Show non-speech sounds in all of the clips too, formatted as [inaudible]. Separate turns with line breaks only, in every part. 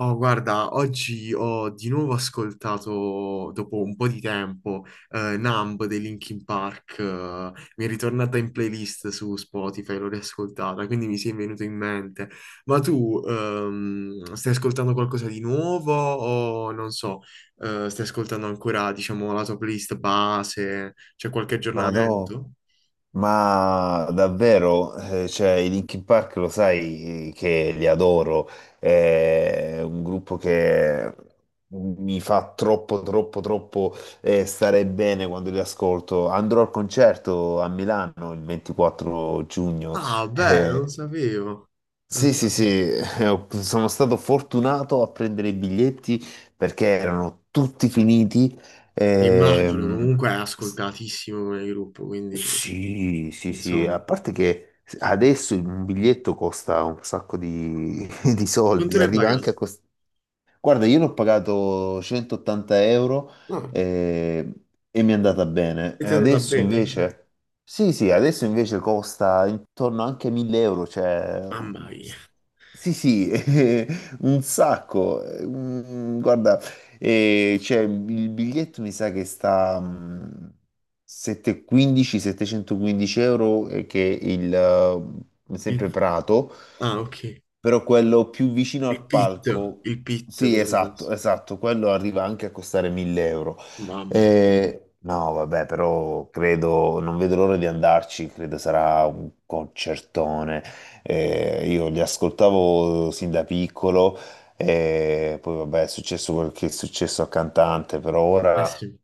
Oh, guarda, oggi ho di nuovo ascoltato, dopo un po' di tempo, Numb dei Linkin Park, mi è ritornata in playlist su Spotify, l'ho riascoltata, quindi mi si è venuto in mente. Ma tu, stai ascoltando qualcosa di nuovo o non so, stai ascoltando ancora, diciamo, la tua playlist base? C'è qualche
Madò,
aggiornamento?
ma davvero, cioè, i Linkin Park lo sai, che li adoro, è un gruppo che mi fa troppo, troppo, troppo stare bene quando li ascolto. Andrò al concerto a Milano il 24 giugno.
Ah, beh, non
Eh,
sapevo. Non
sì, sì, sì, [laughs]
sapevo.
sono stato fortunato a prendere i biglietti perché erano tutti finiti.
Immagino,
Ehm,
comunque è ascoltatissimo come gruppo, quindi
sì, sì, sì, a
insomma.
parte che adesso un biglietto costa un sacco di, [laughs] di
Non te
soldi,
ne
arriva anche
pagato?
a costare. Guarda, io l'ho pagato 180 euro
No,
eh, e, mi è andata bene.
e
E
ti è andata
adesso
bene, sì.
invece, sì, sì, adesso invece costa intorno anche a 1000 euro, cioè,
Mamma mia.
sì, sì, [laughs] un sacco. Guarda, cioè, il biglietto mi sa che sta 715, 715 euro, che è il, sempre
Il-
Prato.
Ah, ok.
Però quello più vicino al palco,
Il pitto
sì,
dovrebbe
esatto,
essere.
esatto, quello arriva anche a costare 1000 euro.
Mamma
No, vabbè, però credo, non vedo l'ora di andarci, credo sarà un concertone. Io li ascoltavo sin da piccolo, poi vabbè, è successo quel che è successo al cantante, però
mia. Eh
ora
sì.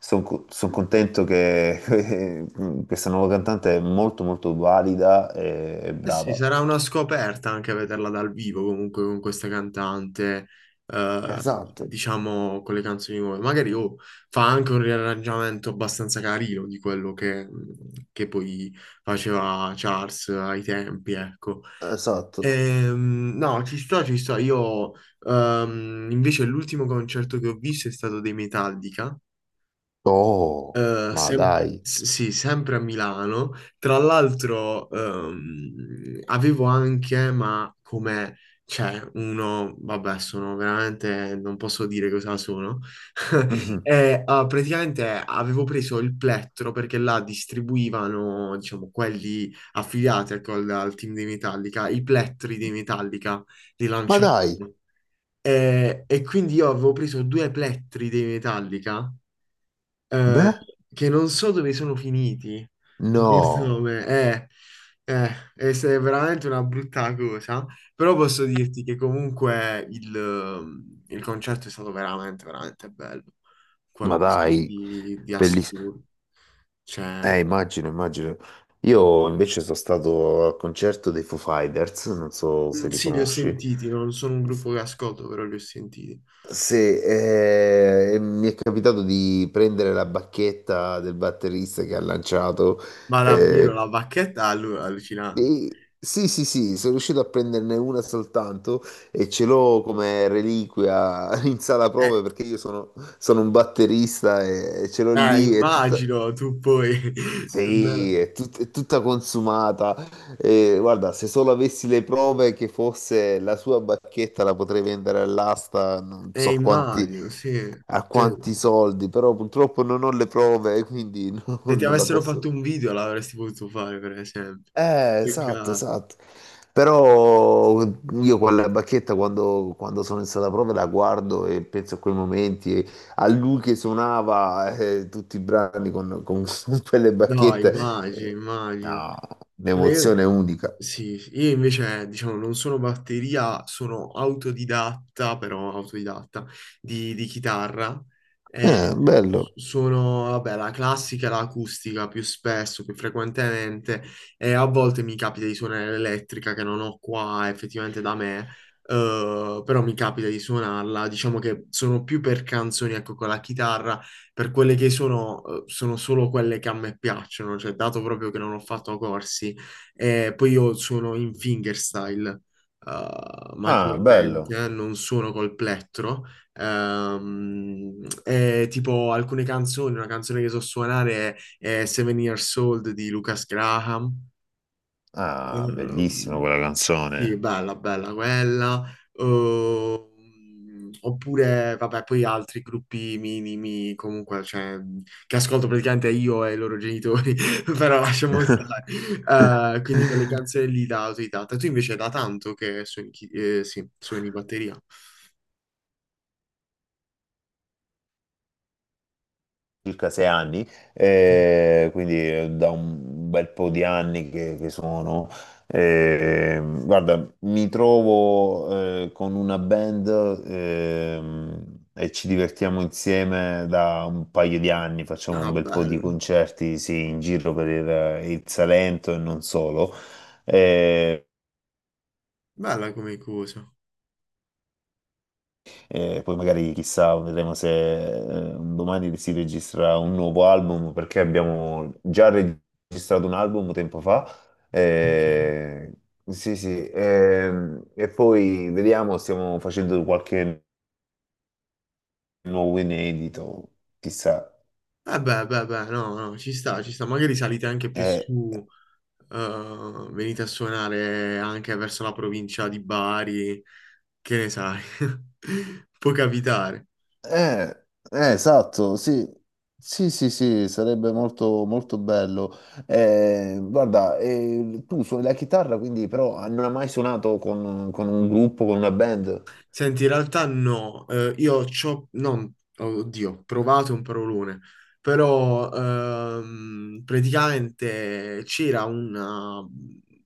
sono contento che [laughs] questa nuova cantante è molto molto valida e
Eh sì,
brava.
sarà una scoperta anche vederla dal vivo comunque con questa cantante, eh,
Esatto.
diciamo con le canzoni nuove. Magari oh, fa anche un riarrangiamento abbastanza carino di quello che poi faceva Charles ai tempi, ecco.
Esatto.
No, ci sto, ci sto. Io, invece, l'ultimo concerto che ho visto è stato dei Metallica.
Oh, ma dai.
Sì, sempre a Milano. Tra l'altro, avevo anche, ma come c'è uno, vabbè, sono veramente, non posso dire cosa sono. [laughs]
Mhm.
E, ah, praticamente avevo preso il plettro perché là distribuivano, diciamo, quelli affiliati ecco, al team di Metallica, i plettri di Metallica li
Ma
lanciavano.
dai,
E quindi io avevo preso due plettri di Metallica eh,
beh,
che non so dove sono finiti in questo
no,
nome. Eh, è è veramente una brutta cosa, però posso dirti che comunque il concerto è stato veramente, veramente bello.
ma
Qualcosa
dai,
di
bellissimo.
assurdo. Cioè,
Immagino, immagino. Io invece sono stato al concerto dei Foo Fighters, non so
mm,
se li
sì, li ho
conosci.
sentiti, non sono un gruppo che ascolto, però li ho sentiti.
Se, mi è capitato di prendere la bacchetta del batterista che ha lanciato,
Ma davvero
eh,
la bacchetta è allucinante.
E- sì, sì, sì, sono riuscito a prenderne una soltanto e ce l'ho come reliquia [laughs] in sala
Eh,
prove perché io sono un batterista e ce l'ho lì, è tutta,
immagino tu poi [laughs]
sì, è tutta consumata. E, guarda, se solo avessi le prove che fosse la sua bacchetta la potrei vendere all'asta, non so quanti,
Immagino, sì.
a
Cioè,
quanti soldi, però purtroppo non ho le prove, quindi [laughs]
se
non
ti
non la
avessero
posso.
fatto un video l'avresti potuto fare, per esempio.
Esatto,
Peccato.
esatto. Però io quella bacchetta quando sono in sala prova la guardo e penso a quei momenti, e a lui che suonava tutti i brani con [laughs] quelle
No,
bacchette.
immagino, immagino.
No,
No, io,
un'emozione unica.
sì, sì. Io invece, diciamo, non sono batteria, sono autodidatta, però autodidatta, di chitarra. E
Bello.
sono, vabbè, la classica, e l'acustica più spesso, più frequentemente, e a volte mi capita di suonare l'elettrica che non ho qua effettivamente da me, però mi capita di suonarla. Diciamo che sono più per canzoni, ecco, con la chitarra, per quelle che sono, sono solo quelle che a me piacciono, cioè dato proprio che non ho fatto corsi e poi io suono in fingerstyle,
Ah, bello.
maggiormente, non suono col plettro. E tipo alcune canzoni, una canzone che so suonare è Seven Years Old di Lucas Graham.
Ah, bellissima
Ehm,
quella
sì,
canzone.
bella, bella quella. Oppure, vabbè, poi altri gruppi minimi, comunque, cioè, che ascolto praticamente io e i loro genitori, [laughs] però lasciamo
[laughs]
stare. Quindi quelle canzoni lì da autodidatta. Tu invece da tanto che suoni, sì, suoni batteria.
circa 6 anni,
Mm.
quindi da un bel po' di anni che sono. Guarda, mi trovo con una band, e ci divertiamo insieme da un paio di anni, facciamo
Ah,
un bel po' di
bello.
concerti, sì, in giro per il Salento e non solo. Eh,
Bella come cosa.
E poi magari chissà, vedremo se un domani si registra un nuovo album, perché abbiamo già registrato un album tempo fa.
Ok.
Eh, sì, sì. E poi vediamo, stiamo facendo qualche nuovo inedito, chissà.
Eh beh, beh, beh, no, no, ci sta, ci sta. Magari salite anche più
Eh,
su, venite a suonare anche verso la provincia di Bari, che ne sai? [laughs] Può capitare.
Eh, esatto, sì, sì, sì, sì, sarebbe molto, molto bello. Guarda, tu suoni la chitarra, quindi però non hai mai suonato con un gruppo, con una band?
Senti, in realtà no, eh, io c'ho, non, oddio, ho provato un parolone, però praticamente c'era una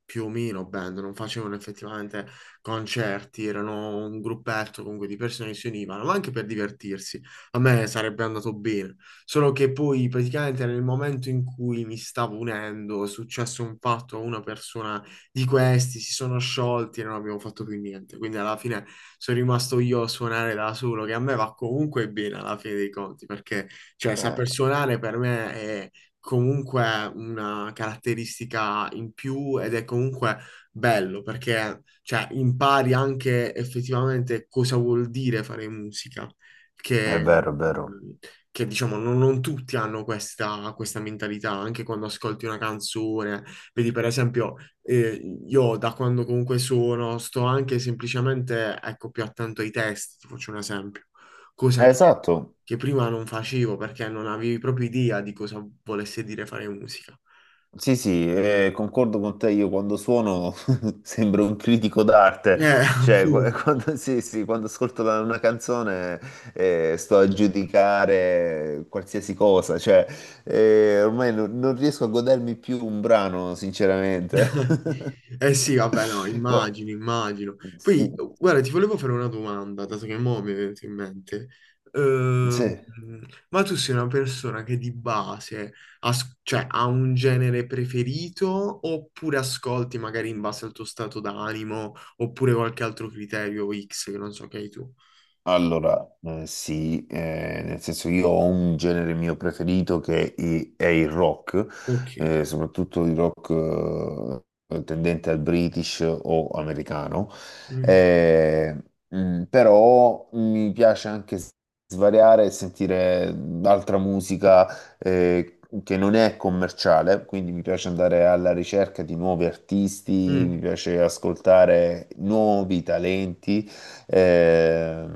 più o meno band, non facevano effettivamente concerti, erano un gruppetto comunque di persone che si univano, ma anche per divertirsi. A me sarebbe andato bene, solo che poi praticamente nel momento in cui mi stavo unendo è successo un fatto a una persona di questi si sono sciolti e non abbiamo fatto più niente. Quindi alla fine sono rimasto io a suonare da solo, che a me va comunque bene alla fine dei conti, perché cioè,
Eh,
saper suonare per me è comunque una caratteristica in più ed è comunque bello, perché cioè, impari anche effettivamente cosa vuol dire fare musica.
è
Che,
vero, è vero.
che diciamo non, non tutti hanno questa, questa mentalità, anche quando ascolti una canzone, vedi per esempio e io da quando comunque sono, sto anche semplicemente, ecco, più attento ai testi, ti faccio un esempio, cosa
Esatto.
che prima non facevo perché non avevi proprio idea di cosa volesse dire fare musica.
Sì, sì,
Quindi-
concordo con te, io quando suono [laughs] sembro un critico d'arte,
Eh, [laughs]
cioè [laughs]
appunto.
quando, sì, sì, quando ascolto una canzone sto a giudicare qualsiasi cosa, cioè ormai non riesco a godermi più un brano, sinceramente.
[laughs] Eh sì, vabbè, no,
[laughs] Qua-
immagino, immagino. Poi,
Sì.
guarda, ti volevo fare una domanda, dato che mo' mi è venuto in mente. Ehm,
Sì.
ma tu sei una persona che di base cioè, ha un genere preferito oppure ascolti magari in base al tuo stato d'animo oppure qualche altro criterio X che non so che hai tu?
Allora, sì, nel senso io ho un genere mio preferito che è il rock,
Ok.
soprattutto il rock tendente al British o americano.
Ok.
Eh, Però mi piace anche svariare e sentire altra musica eh, che non è commerciale, quindi mi piace andare alla ricerca di nuovi artisti, mi
Mm,
piace ascoltare nuovi talenti. Eh,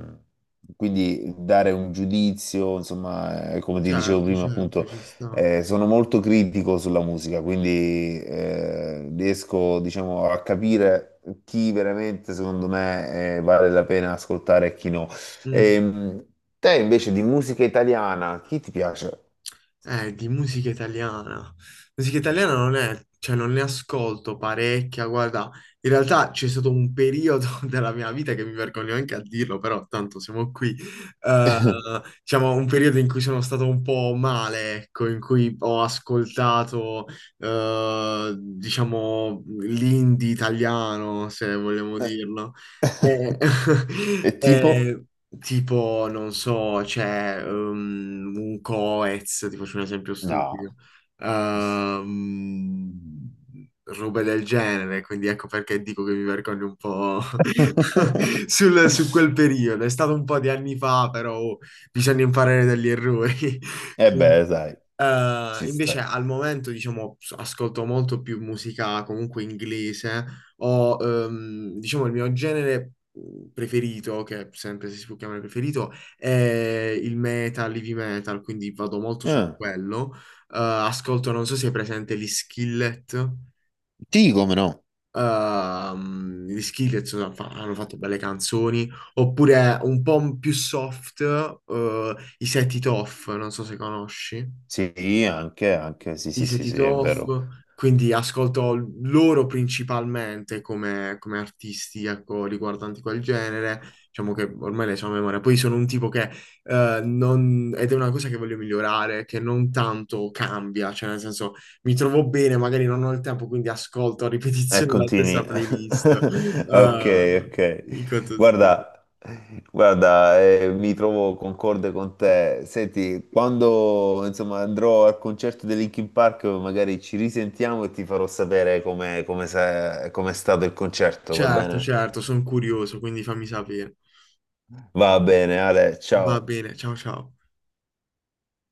quindi dare un giudizio, insomma, come ti dicevo
certo,
prima,
certo,
appunto,
ci sta.
sono molto critico sulla musica, quindi riesco, diciamo, a capire chi veramente, secondo me, vale la pena ascoltare e chi no.
Mm.
Ehm, Te invece di musica italiana, chi ti piace?
Di musica italiana. Musica italiana non è, cioè non ne ascolto parecchia, guarda, in realtà c'è stato un periodo [laughs] della mia vita che mi vergogno anche a dirlo, però tanto siamo qui, eh,
[laughs]
diciamo un periodo in cui sono stato un po' male, ecco, in cui ho ascoltato, diciamo, l'indie italiano, se vogliamo dirlo. Eh,
E
[laughs]
tipo?
eh, Tipo, non so, c'è un Coez, ti faccio un esempio stupido,
No.
ehm, robe del genere, quindi ecco perché dico che mi vergogno un po' [laughs]
[laughs]
su quel periodo. È stato un po' di anni fa, però oh, bisogna imparare dagli errori. [laughs]
E
Quindi,
beh, sai, ci sta.
invece al momento, diciamo, ascolto molto più musica comunque inglese, o diciamo il mio genere preferito, che sempre se si può chiamare preferito, è il metal, heavy metal, quindi vado molto su
Ah,
quello. Ascolto, non so se è presente gli Skillet.
sì, come no?
Gli Skillet hanno fatto belle canzoni, oppure un po' più soft, i Set It Off, non so se conosci.
Sì, anche, anche, sì,
I
sì,
Set
sì,
It
sì, è
Off,
vero.
quindi ascolto loro principalmente come, come artisti, ecco, riguardanti quel genere, diciamo che ormai le so a memoria. Poi sono un tipo che non, ed è una cosa che voglio migliorare, che non tanto cambia, cioè nel senso mi trovo bene, magari non ho il tempo, quindi ascolto a
E
ripetizione la stessa
continui.
playlist.
[laughs] Ok, ok.
In quanto-
Guarda, guarda, mi trovo concorde con te. Senti, quando, insomma, andrò al concerto di Linkin Park, magari ci risentiamo e ti farò sapere com'è stato il concerto, va
Certo,
bene?
certo, sono curioso, quindi fammi sapere.
Va bene, Ale,
Va
ciao.
bene, ciao ciao.